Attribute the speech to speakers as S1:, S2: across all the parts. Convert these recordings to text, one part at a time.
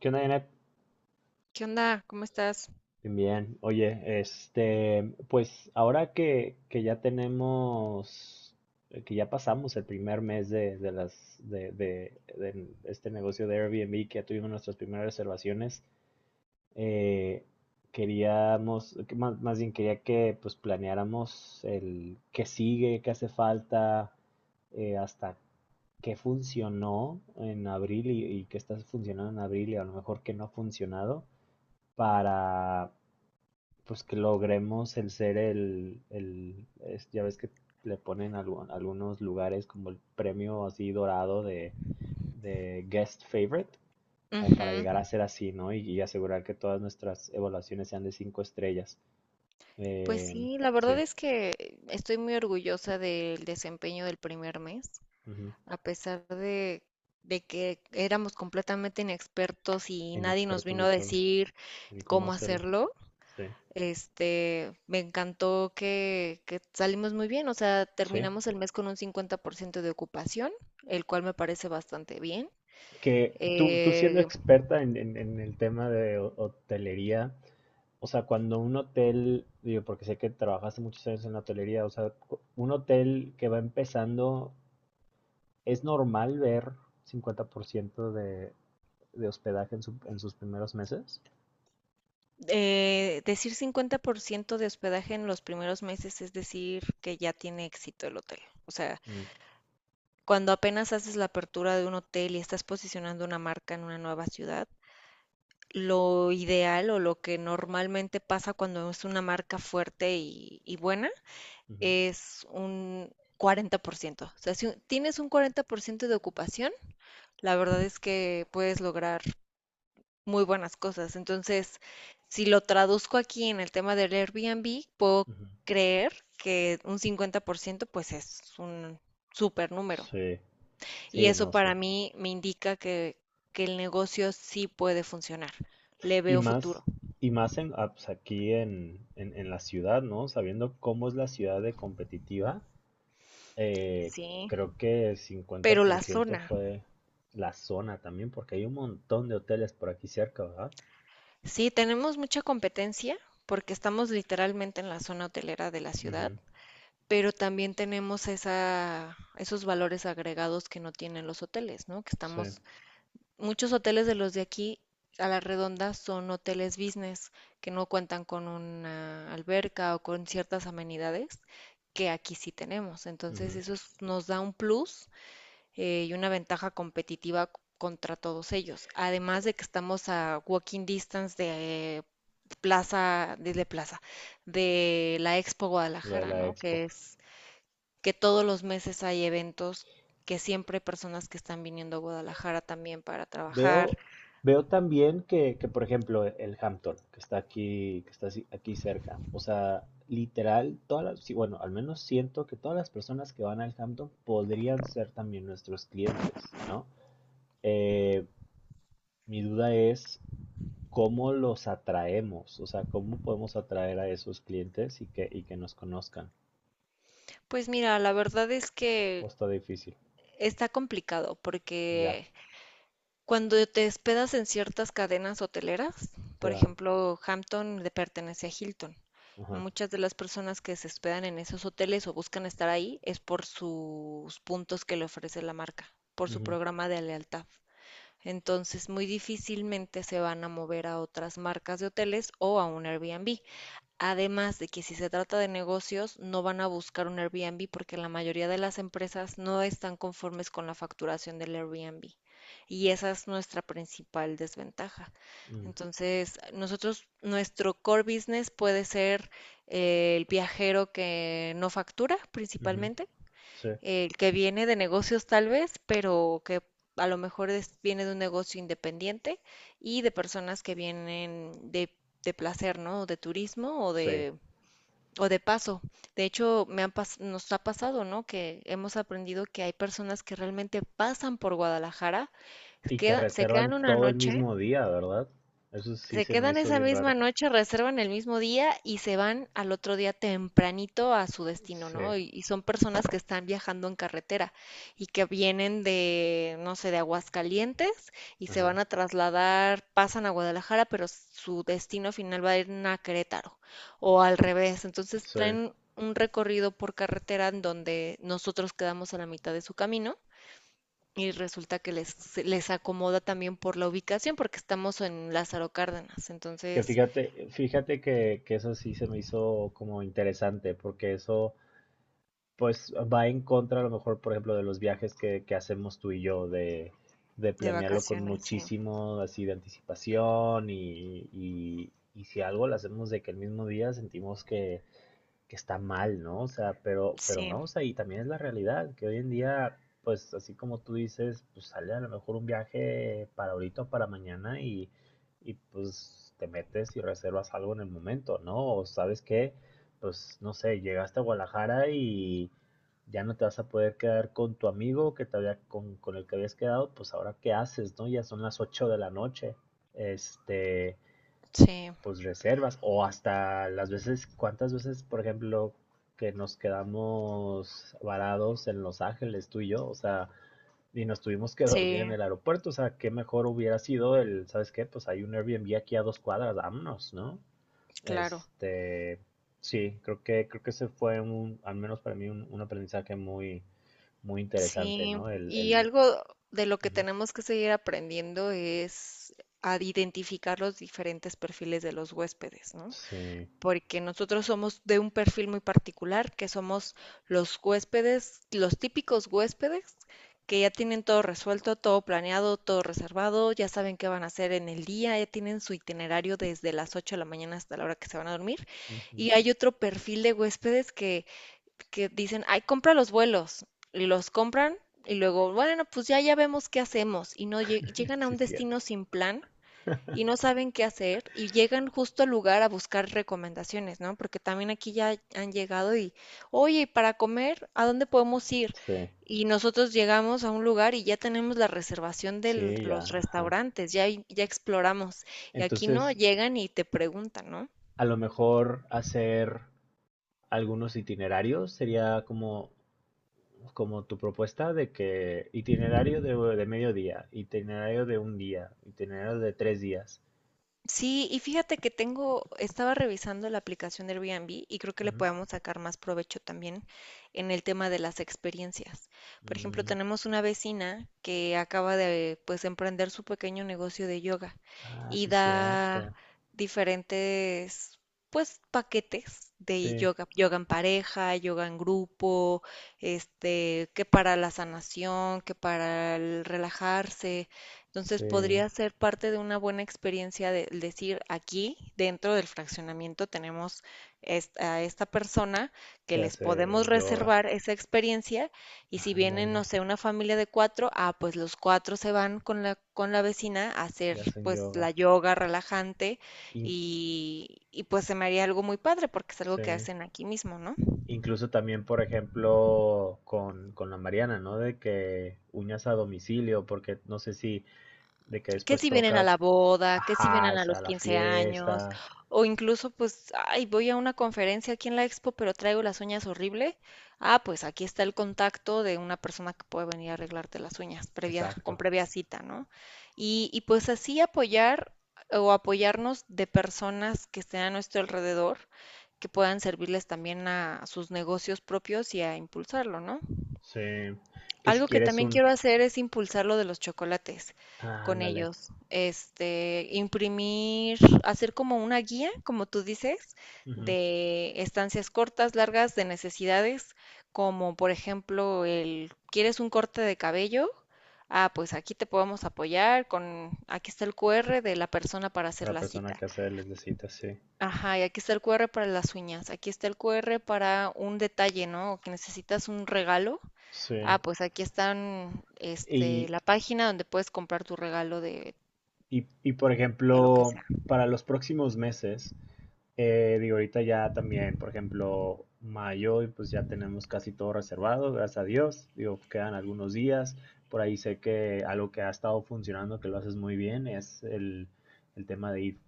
S1: ¿Qué onda, Janet?
S2: ¿Qué onda? ¿Cómo estás?
S1: Bien, bien. Oye, pues ahora que ya tenemos, que ya pasamos el primer mes de este negocio de Airbnb, que ya tuvimos nuestras primeras reservaciones, eh, queríamos, que más bien quería que pues planeáramos el qué sigue, qué hace falta, hasta qué funcionó en abril y qué está funcionando en abril y a lo mejor qué no ha funcionado para pues que logremos el ser ya ves que le ponen algunos lugares como el premio así dorado de guest favorite, como para
S2: Ujú.
S1: llegar a ser así, ¿no? Y asegurar que todas nuestras evaluaciones sean de cinco estrellas.
S2: Pues
S1: Em,
S2: sí, la verdad
S1: sí,
S2: es que estoy muy orgullosa del desempeño del primer mes,
S1: ujú.
S2: a pesar de que éramos completamente inexpertos y nadie nos
S1: Inexpertos
S2: vino
S1: de
S2: a
S1: todo,
S2: decir
S1: en cómo
S2: cómo
S1: hacerlo.
S2: hacerlo.
S1: Sí,
S2: Este, me encantó que salimos muy bien, o sea,
S1: sí.
S2: terminamos el mes con un 50% de ocupación, el cual me parece bastante bien.
S1: Que tú siendo
S2: eh,
S1: experta en el tema de hotelería. O sea, cuando un hotel, digo, porque sé que trabajaste muchos años en la hotelería, o sea, un hotel que va empezando, ¿es normal ver 50% de hospedaje en sus primeros meses?
S2: Decir 50% de hospedaje en los primeros meses es decir que ya tiene éxito el hotel. O sea,
S1: Mm,
S2: cuando apenas haces la apertura de un hotel y estás posicionando una marca en una nueva ciudad, lo ideal o lo que normalmente pasa cuando es una marca fuerte y buena
S1: ujú,
S2: es un 40%. O sea, si tienes un 40% de ocupación, la verdad es que puedes lograr muy buenas cosas. Entonces, si lo traduzco aquí en el tema del Airbnb, puedo
S1: ujú.
S2: creer que un 50% pues es un súper número.
S1: Sí,
S2: Y
S1: sí,
S2: eso
S1: no
S2: para
S1: sé.
S2: mí me indica que el negocio sí puede funcionar. Le
S1: Y
S2: veo futuro.
S1: más, y más en, pues, aquí en la ciudad, ¿no? Sabiendo cómo es la ciudad de competitiva, eh,
S2: Sí.
S1: creo que
S2: Pero la
S1: 50%
S2: zona,
S1: fue la zona también, porque hay un montón de hoteles por aquí cerca, ¿verdad?
S2: sí, tenemos mucha competencia porque estamos literalmente en la zona hotelera de la ciudad,
S1: Ujú,
S2: pero también tenemos esos valores agregados que no tienen los hoteles, ¿no? Que
S1: sí,
S2: estamos. Muchos hoteles de los de aquí a la redonda son hoteles business que no cuentan con una alberca o con ciertas amenidades que aquí sí tenemos. Entonces
S1: ujú,
S2: nos da un plus y una ventaja competitiva contra todos ellos. Además de que estamos a walking distance de plaza, desde plaza, de la Expo
S1: lo de
S2: Guadalajara,
S1: la
S2: ¿no?
S1: expo.
S2: Que todos los meses hay eventos, que siempre hay personas que están viniendo a Guadalajara también para trabajar.
S1: Veo, veo también que por ejemplo, el Hampton, que está aquí, que está aquí cerca, o sea, literal, todas las, sí, bueno, al menos siento que todas las personas que van al Hampton podrían ser también nuestros clientes, ¿no? Eh, mi duda es cómo los atraemos, o sea, cómo podemos atraer a esos clientes y que nos conozcan.
S2: Pues mira, la verdad es
S1: O
S2: que
S1: está difícil,
S2: está complicado
S1: ya,
S2: porque cuando te hospedas en ciertas cadenas hoteleras,
S1: te
S2: por
S1: dan.
S2: ejemplo, Hampton le pertenece a Hilton y
S1: Ajá.
S2: muchas de las personas que se hospedan en esos hoteles o buscan estar ahí es por sus puntos que le ofrece la marca, por su
S1: Ujú,
S2: programa de lealtad. Entonces, muy difícilmente se van a mover a otras marcas de hoteles o a un Airbnb. Además de que si se trata de negocios, no van a buscar un Airbnb porque la mayoría de las empresas no están conformes con la facturación del Airbnb. Y esa es nuestra principal desventaja. Entonces, nosotros, nuestro core business puede ser el viajero que no factura
S1: mm, ujú,
S2: principalmente,
S1: sí.
S2: el que viene de negocios tal vez, pero que a lo mejor viene de un negocio independiente y de personas que vienen de placer, ¿no? De turismo
S1: Sí,
S2: o de paso. De hecho, nos ha pasado, ¿no? Que hemos aprendido que hay personas que realmente pasan por Guadalajara,
S1: y que
S2: se
S1: reservan
S2: quedan una
S1: todo el
S2: noche,
S1: mismo día, ¿verdad? Eso sí
S2: se
S1: se me
S2: quedan
S1: hizo
S2: esa
S1: bien
S2: misma
S1: raro.
S2: noche, reservan el mismo día y se van al otro día tempranito a su destino,
S1: Sí,
S2: ¿no? Y son personas que están viajando en carretera y que vienen de, no sé, de Aguascalientes y se
S1: ajá,
S2: van a trasladar, pasan a Guadalajara, pero su destino final va a ir a Querétaro o al revés. Entonces
S1: sí.
S2: traen un recorrido por carretera en donde nosotros quedamos a la mitad de su camino y resulta les acomoda también por la ubicación porque estamos en Lázaro Cárdenas,
S1: Que
S2: entonces
S1: fíjate que eso sí se me hizo como interesante, porque eso pues va en contra a lo mejor, por ejemplo, de los viajes que hacemos tú y yo, de
S2: de
S1: planearlo con
S2: vacaciones, sí,
S1: muchísimo así de anticipación y si algo lo hacemos de que el mismo día sentimos que está mal, ¿no? O sea, pero
S2: sí,
S1: no, o sea, y también es la realidad, que hoy en día, pues así como tú dices, pues sale a lo mejor un viaje para ahorita o para mañana y pues te metes y reservas algo en el momento, ¿no? O sabes que, pues no sé, llegaste a Guadalajara y ya no te vas a poder quedar con tu amigo que te había, con el que habías quedado, pues ahora qué haces, ¿no? Ya son las 8 de la noche, este,
S2: sí,
S1: pues reservas o hasta las veces, cuántas veces, por ejemplo, que nos quedamos varados en Los Ángeles, tú y yo, o sea, y nos tuvimos que dormir
S2: sí,
S1: en el aeropuerto, o sea, qué mejor hubiera sido el, ¿sabes qué? Pues hay un Airbnb aquí a dos cuadras, vámonos, ¿no?
S2: claro,
S1: Este, sí, creo que ese fue un, al menos para mí, un aprendizaje muy interesante,
S2: sí.
S1: ¿no?
S2: Y
S1: El,
S2: algo de lo que
S1: ujú,
S2: tenemos que seguir aprendiendo es a identificar los diferentes perfiles de los huéspedes, ¿no?
S1: sí,
S2: Porque nosotros somos de un perfil muy particular, que somos los huéspedes, los típicos huéspedes que ya tienen todo resuelto, todo planeado, todo reservado, ya saben qué van a hacer en el día, ya tienen su itinerario desde las 8 de la mañana hasta la hora que se van a dormir.
S1: ujú,
S2: Y hay otro perfil de huéspedes que dicen, ay, compra los vuelos, y los compran y luego, bueno, pues ya, ya vemos qué hacemos. Y no lleg- llegan a
S1: sí,
S2: un
S1: cierto,
S2: destino sin plan y no saben qué hacer y llegan justo al lugar a buscar recomendaciones, ¿no? Porque también aquí ya han llegado y, oye, para comer, ¿a dónde podemos ir?
S1: sí,
S2: Y nosotros llegamos a un lugar y ya tenemos la reservación de
S1: sí, ya,
S2: los
S1: ajá.
S2: restaurantes, ya, ya exploramos. Y aquí no,
S1: Entonces,
S2: llegan y te preguntan, ¿no?
S1: a lo mejor hacer algunos itinerarios sería como, como tu propuesta de que itinerario de medio día, itinerario de un día, itinerario de tres días.
S2: Sí, y fíjate que tengo, estaba revisando la aplicación de Airbnb y creo que le
S1: Ujú.
S2: podemos sacar más provecho también en el tema de las experiencias. Por ejemplo,
S1: Mm,
S2: tenemos una vecina que acaba de pues emprender su pequeño negocio de yoga
S1: ah,
S2: y
S1: sí,
S2: da
S1: cierto.
S2: diferentes pues paquetes de
S1: Sí,
S2: yoga, yoga en pareja, yoga en grupo, este, que para la sanación, que para el relajarse. Entonces,
S1: sí.
S2: podría ser parte de una buena experiencia de decir, aquí dentro del fraccionamiento tenemos a esta persona que
S1: Que
S2: les
S1: hace
S2: podemos
S1: yoga.
S2: reservar esa experiencia y si vienen, no
S1: Ándale,
S2: sé, una familia de cuatro, ah, pues los cuatro se van con la vecina a hacer
S1: y hacen
S2: pues la
S1: yoga.
S2: yoga relajante
S1: In-
S2: y pues se me haría algo muy padre porque es algo
S1: sí.
S2: que hacen aquí mismo, ¿no?
S1: Incluso también, por ejemplo, con la Mariana, ¿no? De que uñas a domicilio, porque no sé si de que
S2: Que
S1: después
S2: si vienen a
S1: toca,
S2: la boda, que si
S1: ajá,
S2: vienen a
S1: esa
S2: los
S1: la
S2: 15 años,
S1: fiesta,
S2: o incluso pues, ay, voy a una conferencia aquí en la expo, pero traigo las uñas horrible. Ah, pues aquí está el contacto de una persona que puede venir a arreglarte las uñas previa, con
S1: exacto.
S2: previa cita, ¿no? Y pues así apoyar o apoyarnos de personas que estén a nuestro alrededor, que puedan servirles también a sus negocios propios y a impulsarlo, ¿no?
S1: Sí, que si
S2: Algo que
S1: quieres
S2: también
S1: un,
S2: quiero hacer es impulsar lo de los chocolates
S1: ah,
S2: con
S1: ándale,
S2: ellos. Este, imprimir, hacer como una guía, como tú dices,
S1: ujú.
S2: de estancias cortas, largas, de necesidades, como por ejemplo el, ¿quieres un corte de cabello? Ah, pues aquí te podemos apoyar con, aquí está el QR de la persona para hacer
S1: La
S2: la
S1: persona
S2: cita.
S1: que hace les necesita, sí.
S2: Ajá, y aquí está el QR para las uñas, aquí está el QR para un detalle, ¿no? O que necesitas un regalo.
S1: Sí.
S2: Ah, pues aquí están, este,
S1: Y,
S2: la página donde puedes comprar tu regalo
S1: y por
S2: de lo que
S1: ejemplo,
S2: sea.
S1: para los próximos meses, digo, ahorita ya también, por ejemplo, mayo, y pues ya tenemos casi todo reservado, gracias a Dios. Digo, quedan algunos días. Por ahí sé que algo que ha estado funcionando, que lo haces muy bien, es el tema de ir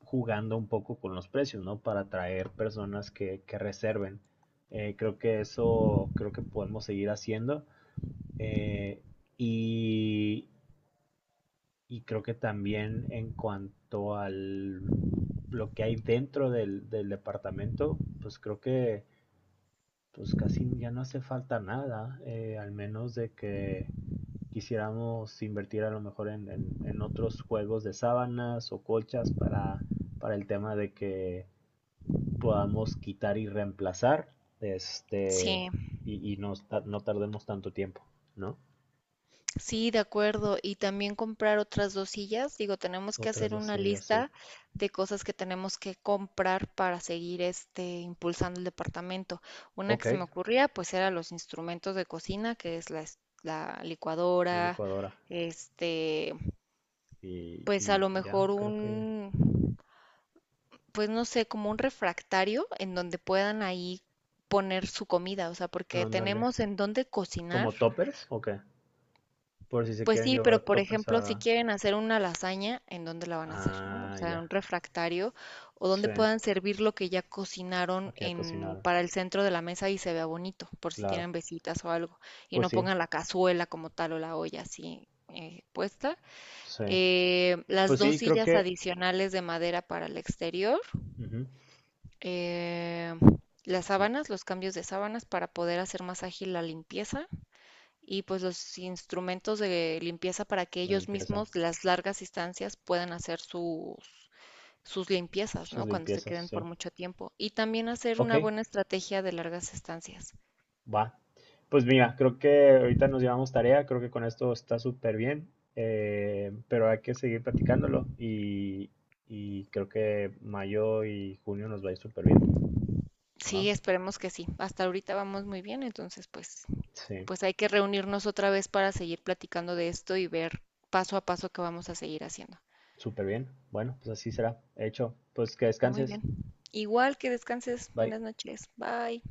S1: jugando un poco con los precios, ¿no? Para atraer personas que reserven. Creo que eso, creo que podemos seguir haciendo. Eh, y, y creo que también en cuanto al lo que hay dentro del departamento, pues creo que pues casi ya no hace falta nada, al menos de que quisiéramos invertir a lo mejor en otros juegos de sábanas o colchas para el tema de que podamos quitar y reemplazar, este,
S2: Sí,
S1: y no, no tardemos tanto tiempo, ¿no?
S2: sí, de acuerdo. Y también comprar otras dos sillas. Digo, tenemos que
S1: Otras
S2: hacer
S1: dos
S2: una
S1: sí, ya sé.
S2: lista de cosas que tenemos que comprar para seguir este impulsando el departamento. Una
S1: Ok,
S2: que se me ocurría, pues era los instrumentos de cocina, que es la
S1: una
S2: licuadora,
S1: licuadora.
S2: este, pues a
S1: Y
S2: lo
S1: ya,
S2: mejor
S1: creo que
S2: un, pues no sé, como un refractario en donde puedan ahí poner su comida, o sea,
S1: ya.
S2: porque
S1: Ándale.
S2: tenemos en dónde cocinar.
S1: ¿Como toppers o qué? Por si se
S2: Pues
S1: quieren
S2: sí, pero
S1: llevar
S2: por
S1: toppers
S2: ejemplo, si
S1: a...
S2: quieren hacer una lasaña, ¿en dónde la van a hacer, no? O
S1: Ah,
S2: sea,
S1: ya.
S2: un refractario o
S1: Sí,
S2: donde puedan servir lo que ya cocinaron
S1: aquí a
S2: en
S1: cocinar,
S2: para el centro de la mesa y se vea bonito, por si
S1: claro.
S2: tienen visitas o algo, y
S1: Pues
S2: no
S1: sí,
S2: pongan la cazuela como tal o la olla así puesta,
S1: sí.
S2: las
S1: Pues
S2: dos
S1: sí, creo
S2: sillas
S1: que...
S2: adicionales de madera para el exterior,
S1: Ujú,
S2: eh, las
S1: y
S2: sábanas, los cambios de sábanas para poder hacer más ágil la limpieza y pues los instrumentos de limpieza para que
S1: la
S2: ellos
S1: limpieza,
S2: mismos las largas distancias puedan hacer sus, sus limpiezas,
S1: sus
S2: ¿no? Cuando se
S1: limpiezas,
S2: queden por
S1: sí.
S2: mucho tiempo. Y también hacer
S1: Ok,
S2: una buena estrategia de largas estancias.
S1: va. Pues mira, creo que ahorita nos llevamos tarea, creo que con esto está súper bien, pero hay que seguir platicándolo y creo que mayo y junio nos va a ir súper bien, ¿va?
S2: Sí, esperemos que sí. Hasta ahorita vamos muy bien, entonces pues
S1: Sí,
S2: pues hay que reunirnos otra vez para seguir platicando de esto y ver paso a paso qué vamos a seguir haciendo.
S1: súper bien. Bueno, pues así será. Hecho, pues que
S2: Muy
S1: descanses.
S2: bien. Igual que descanses.
S1: Bye.
S2: Buenas noches. Bye.